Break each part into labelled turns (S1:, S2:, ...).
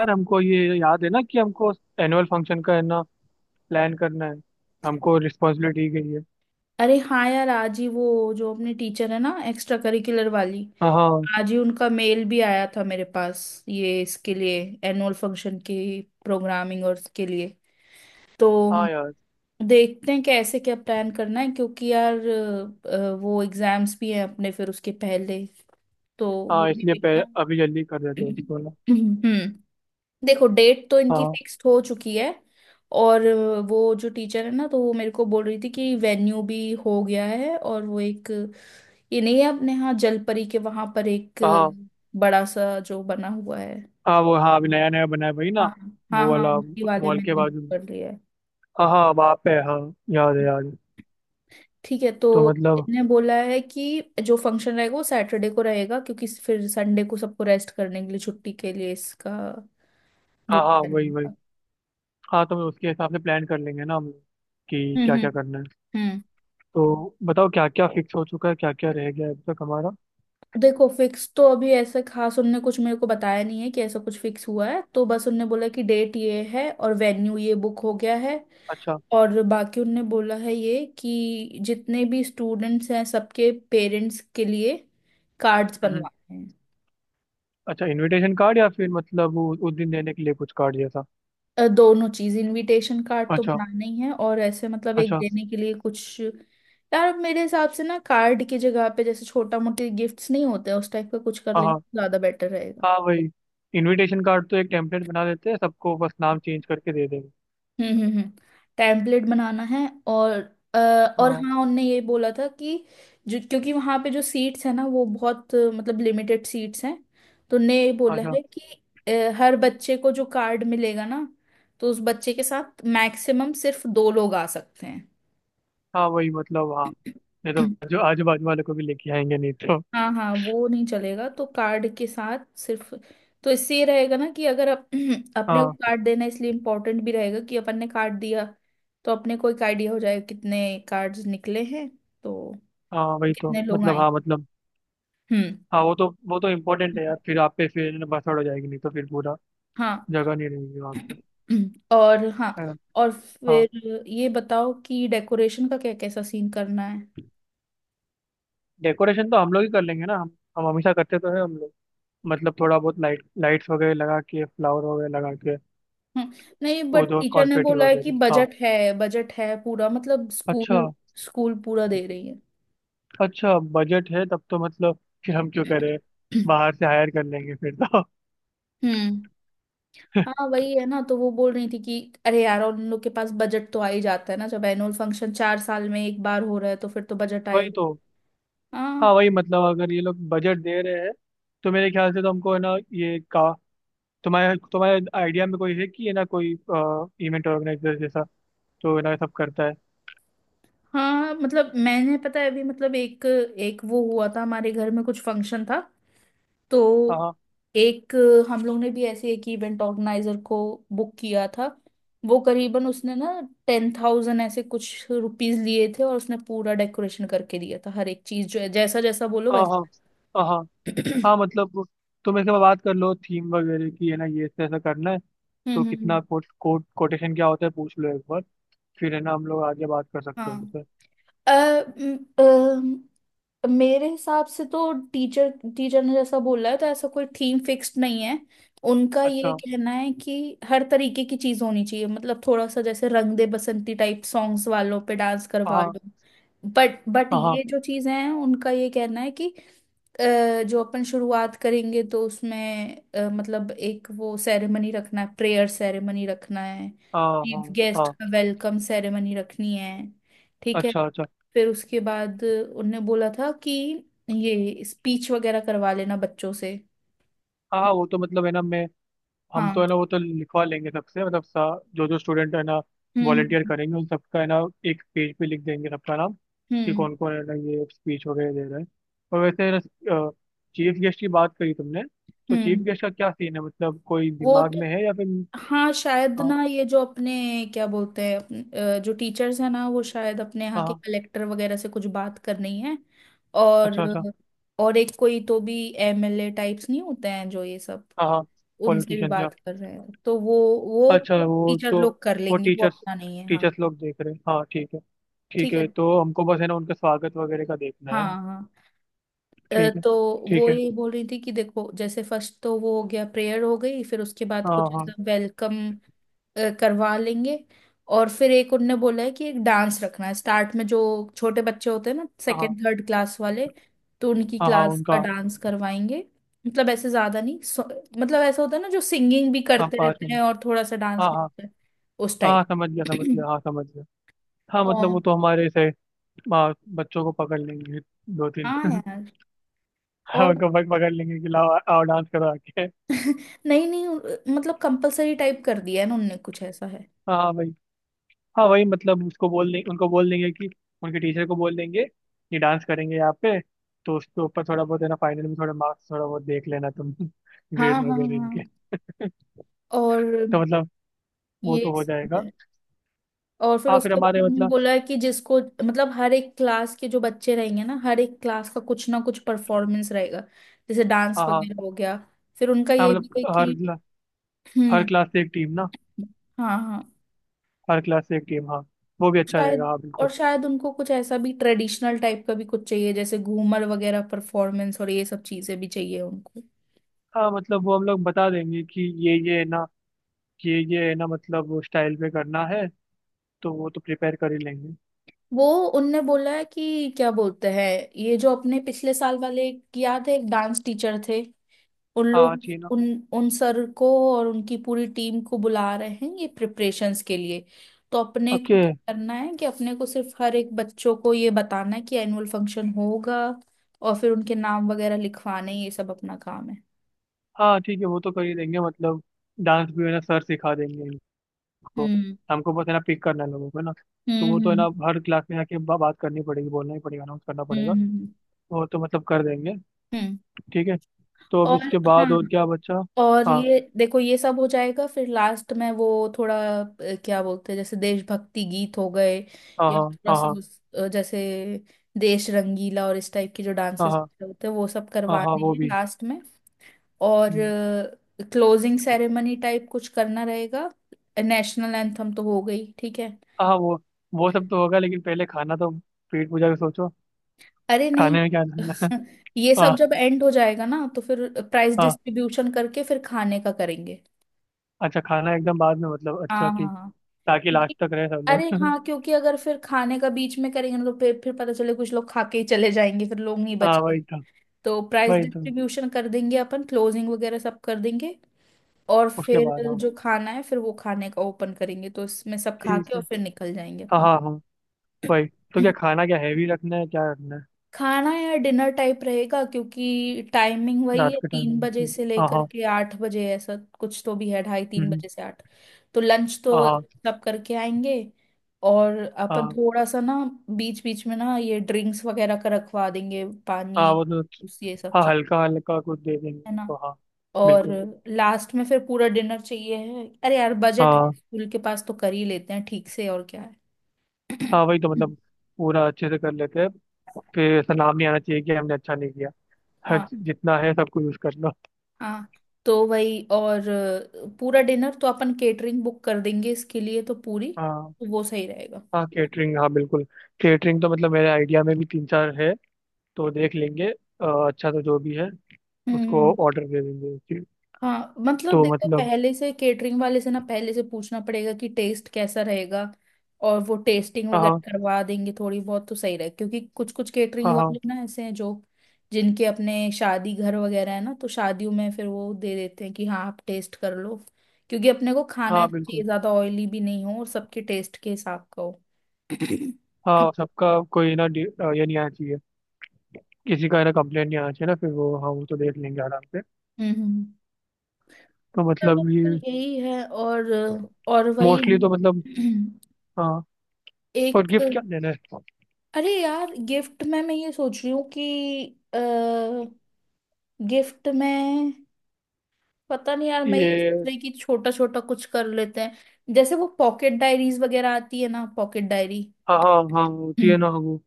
S1: यार हमको ये याद है ना कि हमको एनुअल फंक्शन का है ना प्लान करना है। हमको रिस्पॉन्सिबिलिटी दी गई है।
S2: अरे हाँ यार, आज ही वो जो अपने टीचर है ना, एक्स्ट्रा करिकुलर वाली।
S1: हाँ हाँ।
S2: आज ही उनका मेल भी आया था मेरे पास, ये इसके लिए, एनुअल फंक्शन की प्रोग्रामिंग और इसके लिए। तो
S1: हाँ यार।
S2: देखते हैं कैसे क्या प्लान करना है, क्योंकि यार वो एग्जाम्स भी हैं अपने फिर उसके पहले, तो वो
S1: हाँ
S2: भी
S1: इसलिए
S2: देखना
S1: अभी
S2: है।
S1: जल्दी कर देते हैं उसको ना।
S2: हम्म देखो, डेट तो इनकी
S1: हाँ
S2: फिक्स्ड हो चुकी है, और वो जो टीचर है ना, तो वो मेरे को बोल रही थी कि वेन्यू भी हो गया है, और वो एक, ये नहीं है अपने यहाँ जलपरी के वहां पर एक
S1: हाँ।
S2: बड़ा सा जो बना हुआ है।
S1: हाँ वो, हाँ अभी नया नया बना है भाई
S2: हाँ
S1: ना।
S2: हाँ,
S1: वो
S2: हाँ।
S1: वाला
S2: उसी
S1: उस
S2: वाले
S1: मॉल
S2: में
S1: के
S2: इनने बुक
S1: बाजू में।
S2: कर लिया है।
S1: हाँ हाँ, वहाँ पे है, हाँ। याद है याद है।
S2: ठीक है, तो
S1: तो मतलब।
S2: इनने बोला है कि जो फंक्शन रहेगा वो सैटरडे को रहेगा, क्योंकि फिर संडे को सबको रेस्ट करने के लिए, छुट्टी के लिए इसका वो
S1: हाँ हाँ,
S2: प्लान
S1: वही वही।
S2: होगा।
S1: हाँ, तो उसके हिसाब से प्लान कर लेंगे ना हम लोग कि
S2: हम्म
S1: क्या
S2: हम्म
S1: क्या करना है।
S2: हम्म
S1: तो बताओ क्या क्या फिक्स हो चुका है, क्या क्या रह गया है अब तक हमारा।
S2: देखो, फिक्स तो अभी ऐसे खास उनने कुछ मेरे को बताया नहीं है कि ऐसा कुछ फिक्स हुआ है, तो बस उनने बोला कि डेट ये है और वेन्यू ये बुक हो गया है।
S1: अच्छा।
S2: और बाकी उनने बोला है ये कि जितने भी स्टूडेंट्स हैं सबके पेरेंट्स के लिए कार्ड्स बनवाने हैं।
S1: अच्छा, इनविटेशन कार्ड या फिर मतलब वो उस दिन देने के लिए कुछ कार्ड जैसा।
S2: दोनों चीज, इनविटेशन कार्ड तो
S1: अच्छा।
S2: बनाना ही है और ऐसे मतलब एक
S1: अच्छा।
S2: देने के लिए कुछ। यार मेरे हिसाब से ना, कार्ड की जगह पे जैसे छोटा मोटे गिफ्ट्स नहीं होते हैं, उस टाइप का कुछ कर
S1: हाँ
S2: लेंगे
S1: हाँ।
S2: तो ज्यादा बेटर रहेगा।
S1: हाँ वही। इनविटेशन कार्ड तो एक टेम्पलेट बना देते हैं, सबको बस नाम चेंज करके दे देंगे।
S2: हम्म हम्म हम्म टेम्पलेट बनाना है, और अ, और
S1: हाँ।
S2: हाँ, उनने ये बोला था कि, जो क्योंकि वहाँ पे जो सीट्स है ना वो बहुत मतलब लिमिटेड सीट्स हैं। तो उनने ये बोला
S1: अच्छा।
S2: है कि हर बच्चे को जो कार्ड मिलेगा ना, तो उस बच्चे के साथ मैक्सिमम सिर्फ दो लोग आ सकते
S1: हाँ वही मतलब हाँ। नहीं
S2: हैं।
S1: तो जो आजू बाजू वाले को भी लेके आएंगे नहीं तो।
S2: हाँ, हाँ, वो नहीं चलेगा, तो कार्ड के साथ सिर्फ। तो इससे ये रहेगा ना कि अगर अपने को
S1: हाँ
S2: कार्ड देना इसलिए इम्पोर्टेंट भी रहेगा कि अपन ने कार्ड दिया तो अपने को एक आइडिया हो जाएगा कितने कार्ड्स निकले हैं, तो
S1: हाँ वही तो,
S2: कितने लोग
S1: मतलब
S2: आए।
S1: हाँ मतलब।
S2: हम्म।
S1: हाँ वो तो इम्पोर्टेंट है यार, फिर आप पे फिर बसड़ हो जाएगी नहीं तो, फिर पूरा
S2: हाँ।
S1: जगह नहीं रहेगी वहाँ पे।
S2: और हाँ।
S1: है ना?
S2: और
S1: हाँ।
S2: फिर ये बताओ कि डेकोरेशन का क्या कैसा सीन करना है।
S1: डेकोरेशन तो हम लोग ही कर लेंगे ना। हम हमेशा करते तो है हम लोग। मतलब थोड़ा बहुत लाइट लाइट्स वगैरह लगा के, फ्लावर वगैरह लगा के।
S2: हम्म, नहीं,
S1: वो
S2: बट
S1: जो
S2: टीचर ने
S1: कॉन्फेटी
S2: बोला है कि
S1: वगैरह, हाँ।
S2: बजट है। बजट है पूरा, मतलब
S1: अच्छा।
S2: स्कूल, पूरा दे रही
S1: अच्छा, बजट है, तब तो मतलब फिर हम क्यों करें।
S2: है।
S1: बाहर से हायर कर लेंगे फिर तो।
S2: हम्म। हाँ, वही है ना, तो वो बोल रही थी कि, अरे यार, और उन लोग के पास बजट तो आ ही जाता है ना, जब एनुअल फंक्शन 4 साल में एक बार हो रहा है तो फिर तो बजट
S1: वही
S2: आए।
S1: तो।
S2: हाँ,
S1: हाँ वही, मतलब अगर ये लोग बजट दे रहे हैं, तो मेरे ख्याल से तो हमको है ना ये का। तुम्हारे तुम्हारे आइडिया में कोई है कि, है ना कोई इवेंट ऑर्गेनाइजर जैसा, तो है ना सब करता है।
S2: हाँ। मतलब मैंने, पता है, अभी मतलब एक एक वो हुआ था हमारे घर में, कुछ फंक्शन था। तो
S1: हाँ
S2: एक, हम लोग ने भी ऐसे एक इवेंट ऑर्गेनाइजर को बुक किया था। वो करीबन उसने ना 10,000 ऐसे कुछ रुपीज लिए थे, और उसने पूरा डेकोरेशन करके दिया था, हर एक चीज जो है जैसा जैसा बोलो
S1: हाँ
S2: वैसा।
S1: हाँ हाँ हाँ हाँ। हाँ, मतलब तुम इसके बाद बात कर लो थीम वगैरह की, है ना ये ऐसा ऐसा करना है।
S2: हम्म,
S1: तो
S2: हम्म,
S1: कितना कोट कोट कोटेशन क्या होता है पूछ लो एक बार। फिर है ना हम लोग आगे बात कर सकते हैं
S2: हाँ।
S1: उनसे।
S2: अ, म- मेरे हिसाब से तो टीचर टीचर ने जैसा बोला है तो ऐसा कोई थीम फिक्स्ड नहीं है। उनका ये
S1: अच्छा।
S2: कहना है कि हर तरीके की चीज होनी चाहिए, मतलब थोड़ा सा, जैसे रंग दे बसंती टाइप सॉन्ग्स वालों पे डांस करवा
S1: हाँ
S2: लो। बट
S1: हाँ हाँ
S2: ये जो चीजें हैं उनका ये कहना है कि जो अपन शुरुआत करेंगे तो उसमें मतलब एक वो सेरेमनी रखना है, प्रेयर सेरेमनी रखना है।
S1: हाँ
S2: चीफ
S1: हाँ
S2: गेस्ट
S1: हाँ,
S2: का वेलकम सेरेमनी रखनी है। ठीक है।
S1: अच्छा अच्छा।
S2: फिर उसके बाद उनने बोला था कि ये स्पीच वगैरह करवा लेना बच्चों से।
S1: हाँ हाँ, वो तो मतलब है ना मैं। हम तो
S2: हाँ।
S1: है ना वो तो लिखवा लेंगे सबसे, मतलब जो जो स्टूडेंट है ना वॉलेंटियर
S2: हम्म,
S1: करेंगे उन सबका है ना। एक पेज पे लिख देंगे सबका नाम, कि
S2: हम्म,
S1: कौन कौन है ना ये स्पीच वगैरह दे रहा है। और वैसे है ना, चीफ गेस्ट की बात करी तुमने, तो चीफ
S2: हम्म।
S1: गेस्ट का क्या सीन है, मतलब कोई
S2: वो
S1: दिमाग
S2: तो।
S1: में है या फिर।
S2: हाँ, शायद
S1: हाँ
S2: ना, ये जो अपने, क्या बोलते हैं, जो टीचर्स हैं ना, वो शायद अपने यहाँ
S1: हाँ
S2: के
S1: हाँ,
S2: कलेक्टर वगैरह से कुछ बात करनी है। और
S1: अच्छा अच्छा।
S2: और एक कोई तो भी MLA टाइप्स नहीं होते हैं जो ये सब,
S1: हाँ हाँ,
S2: उनसे भी
S1: पॉलिटिशियन।
S2: बात कर रहे हैं तो वो
S1: अच्छा
S2: तो
S1: वो
S2: टीचर
S1: तो,
S2: लोग कर
S1: वो
S2: लेंगे, वो
S1: टीचर्स
S2: अपना नहीं है। हाँ,
S1: टीचर्स लोग देख रहे हैं, हाँ ठीक है। ठीक
S2: ठीक
S1: है,
S2: है।
S1: तो हमको बस है ना उनका स्वागत वगैरह का देखना है
S2: हाँ,
S1: ना।
S2: हाँ। अ,
S1: ठीक है।
S2: तो वो
S1: ठीक है
S2: ये बोल रही थी कि देखो, जैसे फर्स्ट तो वो हो गया, प्रेयर हो गई, फिर उसके बाद
S1: हाँ
S2: कुछ
S1: हाँ
S2: ऐसा वेलकम करवा लेंगे। और फिर एक उनने बोला है कि एक डांस रखना है स्टार्ट में, जो छोटे बच्चे होते हैं ना,
S1: हाँ
S2: सेकेंड थर्ड क्लास वाले, तो उनकी
S1: हाँ। हाँ
S2: क्लास का
S1: उनका।
S2: डांस करवाएंगे। मतलब ऐसे ज्यादा नहीं, मतलब ऐसा होता है ना, जो सिंगिंग भी
S1: हाँ
S2: करते
S1: पाँच
S2: रहते हैं
S1: मिनट
S2: और थोड़ा सा डांस
S1: हाँ
S2: भी
S1: हाँ।
S2: होता है, उस
S1: हाँ
S2: टाइप।
S1: समझ गया समझ गया, हाँ समझ गया। हाँ मतलब वो
S2: और
S1: तो हमारे से बच्चों को पकड़ लेंगे दो तीन।
S2: हाँ यार।
S1: हाँ
S2: और
S1: उनको पकड़ लेंगे कि लाओ आओ डांस करो आके।
S2: नहीं, नहीं, मतलब कंपलसरी टाइप कर दिया है ना उनने, कुछ ऐसा है।
S1: हाँ हाँ, भाई। हाँ वही, मतलब उसको बोल दें उनको बोल देंगे कि उनके टीचर को बोल देंगे ये डांस करेंगे यहाँ पे। तो उसके ऊपर थोड़ा बहुत है ना फाइनल में थोड़ा मार्क्स थोड़ा बहुत देख लेना तुम,
S2: हाँ,
S1: ग्रेड
S2: हाँ,
S1: वगैरह
S2: हाँ,
S1: इनके।
S2: और
S1: तो मतलब वो
S2: ये
S1: तो हो
S2: सब
S1: जाएगा।
S2: है। और फिर
S1: हाँ फिर
S2: उसके बाद
S1: हमारे
S2: उन्होंने
S1: मतलब।
S2: बोला है कि जिसको मतलब हर एक क्लास के जो बच्चे रहेंगे ना, हर एक क्लास का कुछ ना कुछ परफॉर्मेंस रहेगा। जैसे डांस
S1: हाँ हाँ।
S2: वगैरह हो गया, फिर उनका
S1: हाँ
S2: ये भी
S1: मतलब
S2: है कि,
S1: हर
S2: हम्म,
S1: क्लास से एक टीम ना।
S2: हाँ, हाँ,
S1: हर क्लास से एक टीम, हाँ। वो भी अच्छा रहेगा,
S2: शायद।
S1: हाँ
S2: और
S1: बिल्कुल।
S2: शायद उनको कुछ ऐसा भी ट्रेडिशनल टाइप का भी कुछ चाहिए, जैसे घूमर वगैरह परफॉर्मेंस, और ये सब चीजें भी चाहिए उनको।
S1: हाँ मतलब वो हम लोग बता देंगे कि ये है ना, ये है ना मतलब स्टाइल पे करना है। तो वो तो प्रिपेयर कर ही लेंगे।
S2: वो, उनने बोला है कि, क्या बोलते हैं, ये जो अपने पिछले साल वाले, एक याद है, एक डांस टीचर थे। उन
S1: हाँ
S2: लोग।
S1: जी ना।
S2: उन उन सर को और उनकी पूरी टीम को बुला रहे हैं ये प्रिपरेशंस के लिए। तो अपने को
S1: ओके।
S2: क्या करना है कि अपने को सिर्फ हर एक बच्चों को ये बताना है कि एनुअल फंक्शन होगा, और फिर उनके नाम वगैरह लिखवाने, ये सब अपना काम है।
S1: हाँ ठीक है, वो तो कर ही देंगे मतलब। डांस भी है ना सर सिखा देंगे इनको।
S2: हम्म,
S1: हमको बस है ना पिक करना है लोगों को, है ना। तो वो तो है
S2: हम्म,
S1: ना हर क्लास में जाके बात करनी पड़ेगी, बोलना ही पड़ेगा, अनाउंस करना
S2: हम्म,
S1: पड़ेगा।
S2: हम्म,
S1: वो तो मतलब कर देंगे।
S2: हम्म, हम्म।
S1: ठीक है। तो अब
S2: और
S1: इसके बाद
S2: हाँ,
S1: और क्या बच्चा।
S2: और
S1: हाँ
S2: ये देखो, ये सब हो जाएगा फिर लास्ट में वो थोड़ा, क्या बोलते हैं, जैसे देशभक्ति गीत हो गए,
S1: हाँ
S2: या
S1: हाँ
S2: थोड़ा
S1: हाँ
S2: सा
S1: हाँ
S2: जैसे देश रंगीला और इस टाइप के जो
S1: हाँ
S2: डांसेस
S1: हाँ
S2: होते हैं वो सब
S1: हाँ हाँ
S2: करवाने
S1: वो
S2: हैं
S1: भी।
S2: लास्ट में। और
S1: हम्म,
S2: क्लोजिंग सेरेमनी टाइप कुछ करना रहेगा। नेशनल एंथम तो हो गई, ठीक है।
S1: हाँ हाँ, वो सब तो होगा, लेकिन पहले खाना तो। पेट पूजा के सोचो।
S2: अरे नहीं,
S1: खाने में क्या करना है।
S2: ये
S1: हाँ
S2: सब जब एंड हो जाएगा ना, तो फिर प्राइस
S1: हाँ।
S2: डिस्ट्रीब्यूशन करके फिर खाने का करेंगे।
S1: अच्छा खाना एकदम बाद में, मतलब अच्छा
S2: हाँ, हाँ,
S1: ठीक।
S2: हाँ।
S1: ताकि लास्ट
S2: क्योंकि,
S1: तक रहे सब
S2: अरे
S1: लोग।
S2: हाँ, क्योंकि अगर फिर खाने का बीच में करेंगे ना, तो फिर पता चले कुछ लोग खा के ही चले जाएंगे, फिर लोग नहीं
S1: हाँ
S2: बचेंगे।
S1: वही तो।
S2: तो प्राइस
S1: वही तो।
S2: डिस्ट्रीब्यूशन कर देंगे अपन, क्लोजिंग वगैरह सब कर देंगे, और
S1: उसके
S2: फिर
S1: बाद हाँ।
S2: जो खाना है, फिर वो खाने का ओपन करेंगे, तो इसमें सब खा
S1: ठीक
S2: के
S1: है।
S2: और फिर निकल जाएंगे
S1: हाँ हाँ हाँ वही। तो क्या
S2: अपन।
S1: खाना, क्या हैवी रखना है क्या रखना है।
S2: खाना या डिनर टाइप रहेगा, क्योंकि टाइमिंग वही
S1: रात
S2: है,
S1: के टाइम
S2: तीन
S1: में
S2: बजे
S1: ठीक,
S2: से
S1: हाँ
S2: लेकर
S1: हाँ।
S2: के 8 बजे, ऐसा कुछ तो भी है, ढाई तीन
S1: हम्म,
S2: बजे से आठ। तो लंच
S1: हाँ
S2: तो
S1: हाँ।
S2: सब करके आएंगे, और अपन
S1: हाँ
S2: थोड़ा सा ना, बीच बीच में ना, ये ड्रिंक्स वगैरह का रखवा देंगे, पानी,
S1: हाँ वो तो।
S2: जूस, ये सब
S1: हाँ
S2: चीज,
S1: हल्का हल्का कुछ दे देंगे
S2: है ना।
S1: उनको, हाँ।
S2: और
S1: बिल्कुल।
S2: लास्ट में फिर पूरा डिनर चाहिए, है अरे यार बजट है,
S1: हाँ
S2: स्कूल के पास तो कर ही लेते हैं ठीक से और क्या है।
S1: हाँ वही तो, मतलब पूरा अच्छे से कर लेते हैं। फिर ऐसा नाम नहीं आना चाहिए कि हमने अच्छा नहीं किया। हर
S2: हाँ,
S1: जितना है सब कुछ यूज़ कर लो।
S2: हाँ। तो वही, और पूरा डिनर तो अपन केटरिंग बुक कर देंगे, इसके लिए तो पूरी,
S1: हाँ।
S2: तो वो सही रहेगा।
S1: हाँ केटरिंग, हाँ बिल्कुल। केटरिंग तो मतलब मेरे आइडिया में भी तीन चार है, तो देख लेंगे। अच्छा तो जो भी है उसको
S2: हम्म।
S1: ऑर्डर दे देंगे फिर।
S2: हाँ, मतलब
S1: तो
S2: देखो,
S1: मतलब।
S2: पहले से केटरिंग वाले से ना, पहले से पूछना पड़ेगा कि टेस्ट कैसा रहेगा, और वो टेस्टिंग
S1: हाँ
S2: वगैरह
S1: हाँ
S2: करवा देंगे थोड़ी बहुत तो सही रहेगा, क्योंकि कुछ कुछ केटरिंग
S1: हाँ
S2: वाले
S1: हाँ।
S2: ना ऐसे हैं जो जिनके अपने शादी घर वगैरह है ना, तो शादियों में फिर वो दे देते हैं कि हाँ आप टेस्ट कर लो। क्योंकि अपने को खाना है
S1: हाँ
S2: तो चाहिए
S1: बिल्कुल।
S2: ज्यादा ऑयली भी नहीं हो और सबके टेस्ट के हिसाब का हो।
S1: हाँ सबका, कोई ना ये नहीं आना चाहिए। किसी का है ना कंप्लेंट नहीं आना चाहिए ना फिर, वो हाँ, वो तो देख लेंगे आराम से।
S2: हम्म।
S1: तो
S2: चलो,
S1: मतलब
S2: फिर
S1: ये,
S2: यही है। और वही,
S1: मोस्टली तो मतलब। हाँ। और
S2: एक।
S1: गिफ्ट क्या देना है।
S2: अरे यार, गिफ्ट में मैं ये सोच रही हूँ कि, गिफ्ट में, पता नहीं यार, मैं ये सोच
S1: ये,
S2: रही कि छोटा छोटा कुछ कर लेते हैं, जैसे वो पॉकेट डायरीज वगैरह आती है ना, पॉकेट डायरी।
S1: हाँ हाँ हाँ, होती है ना वो।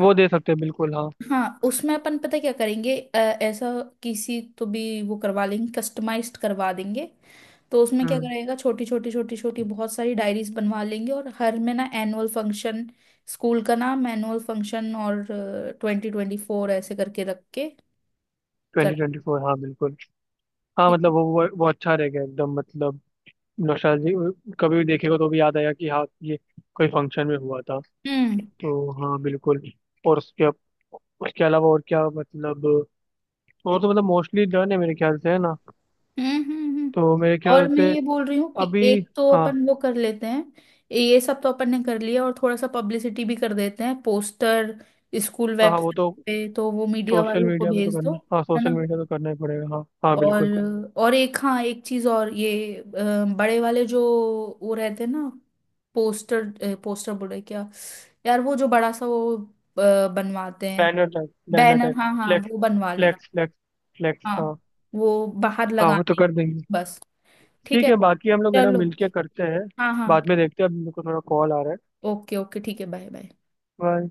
S1: वो दे सकते हैं बिल्कुल, हाँ।
S2: हाँ, उसमें अपन, पता क्या करेंगे, ऐसा किसी तो भी वो करवा लेंगे, कस्टमाइज्ड करवा देंगे। तो उसमें क्या
S1: हम्म।
S2: करेगा, छोटी छोटी छोटी छोटी बहुत सारी डायरीज बनवा लेंगे, और हर में ना एनुअल फंक्शन, स्कूल का नाम, एनुअल फंक्शन और 2024 ऐसे करके रख के कर।
S1: 2024, हाँ बिल्कुल। हाँ
S2: ठीक
S1: मतलब
S2: है।
S1: वो अच्छा रहेगा एकदम, मतलब नौशाद कभी भी देखेगा तो भी याद आया कि हाँ ये कोई फंक्शन में हुआ था।
S2: हम्म,
S1: तो हाँ बिल्कुल। और उसके, अलावा और क्या मतलब। और तो मतलब मोस्टली डन है मेरे ख्याल से है ना।
S2: हम्म, हम्म,
S1: तो मेरे ख्याल
S2: और मैं
S1: से
S2: ये बोल रही हूँ कि
S1: अभी।
S2: एक तो
S1: हाँ
S2: अपन वो कर लेते हैं, ये सब तो अपन ने कर लिया, और थोड़ा सा पब्लिसिटी भी कर देते हैं, पोस्टर, स्कूल
S1: हाँ हाँ, वो
S2: वेबसाइट
S1: तो।
S2: पे, तो वो मीडिया
S1: सोशल
S2: वालों को
S1: मीडिया में तो
S2: भेज दो,
S1: करना, हाँ
S2: है
S1: सोशल
S2: ना।
S1: मीडिया तो करना ही पड़ेगा, हाँ हाँ
S2: और
S1: बिल्कुल।
S2: और एक, हाँ, एक चीज और, ये बड़े वाले जो वो रहते हैं ना, पोस्टर, पोस्टर बोले क्या, यार वो जो बड़ा सा वो बनवाते हैं।
S1: Banner type, banner
S2: banner,
S1: type.
S2: हाँ, हाँ,
S1: फ्लेक्स।
S2: वो बनवा लेना।
S1: Flex flex. फ्लेक्स,
S2: हाँ,
S1: हाँ।
S2: वो बाहर
S1: हाँ वो तो
S2: लगाने की।
S1: कर देंगे।
S2: बस, ठीक
S1: ठीक
S2: है।
S1: है, बाकी हम लोग है ना
S2: चलो,
S1: मिलके करते हैं।
S2: हाँ, हाँ।
S1: बाद में देखते हैं, अभी मेरे को थोड़ा कॉल आ रहा है।
S2: ओके, ओके, ठीक है। Bye, bye.
S1: बाय।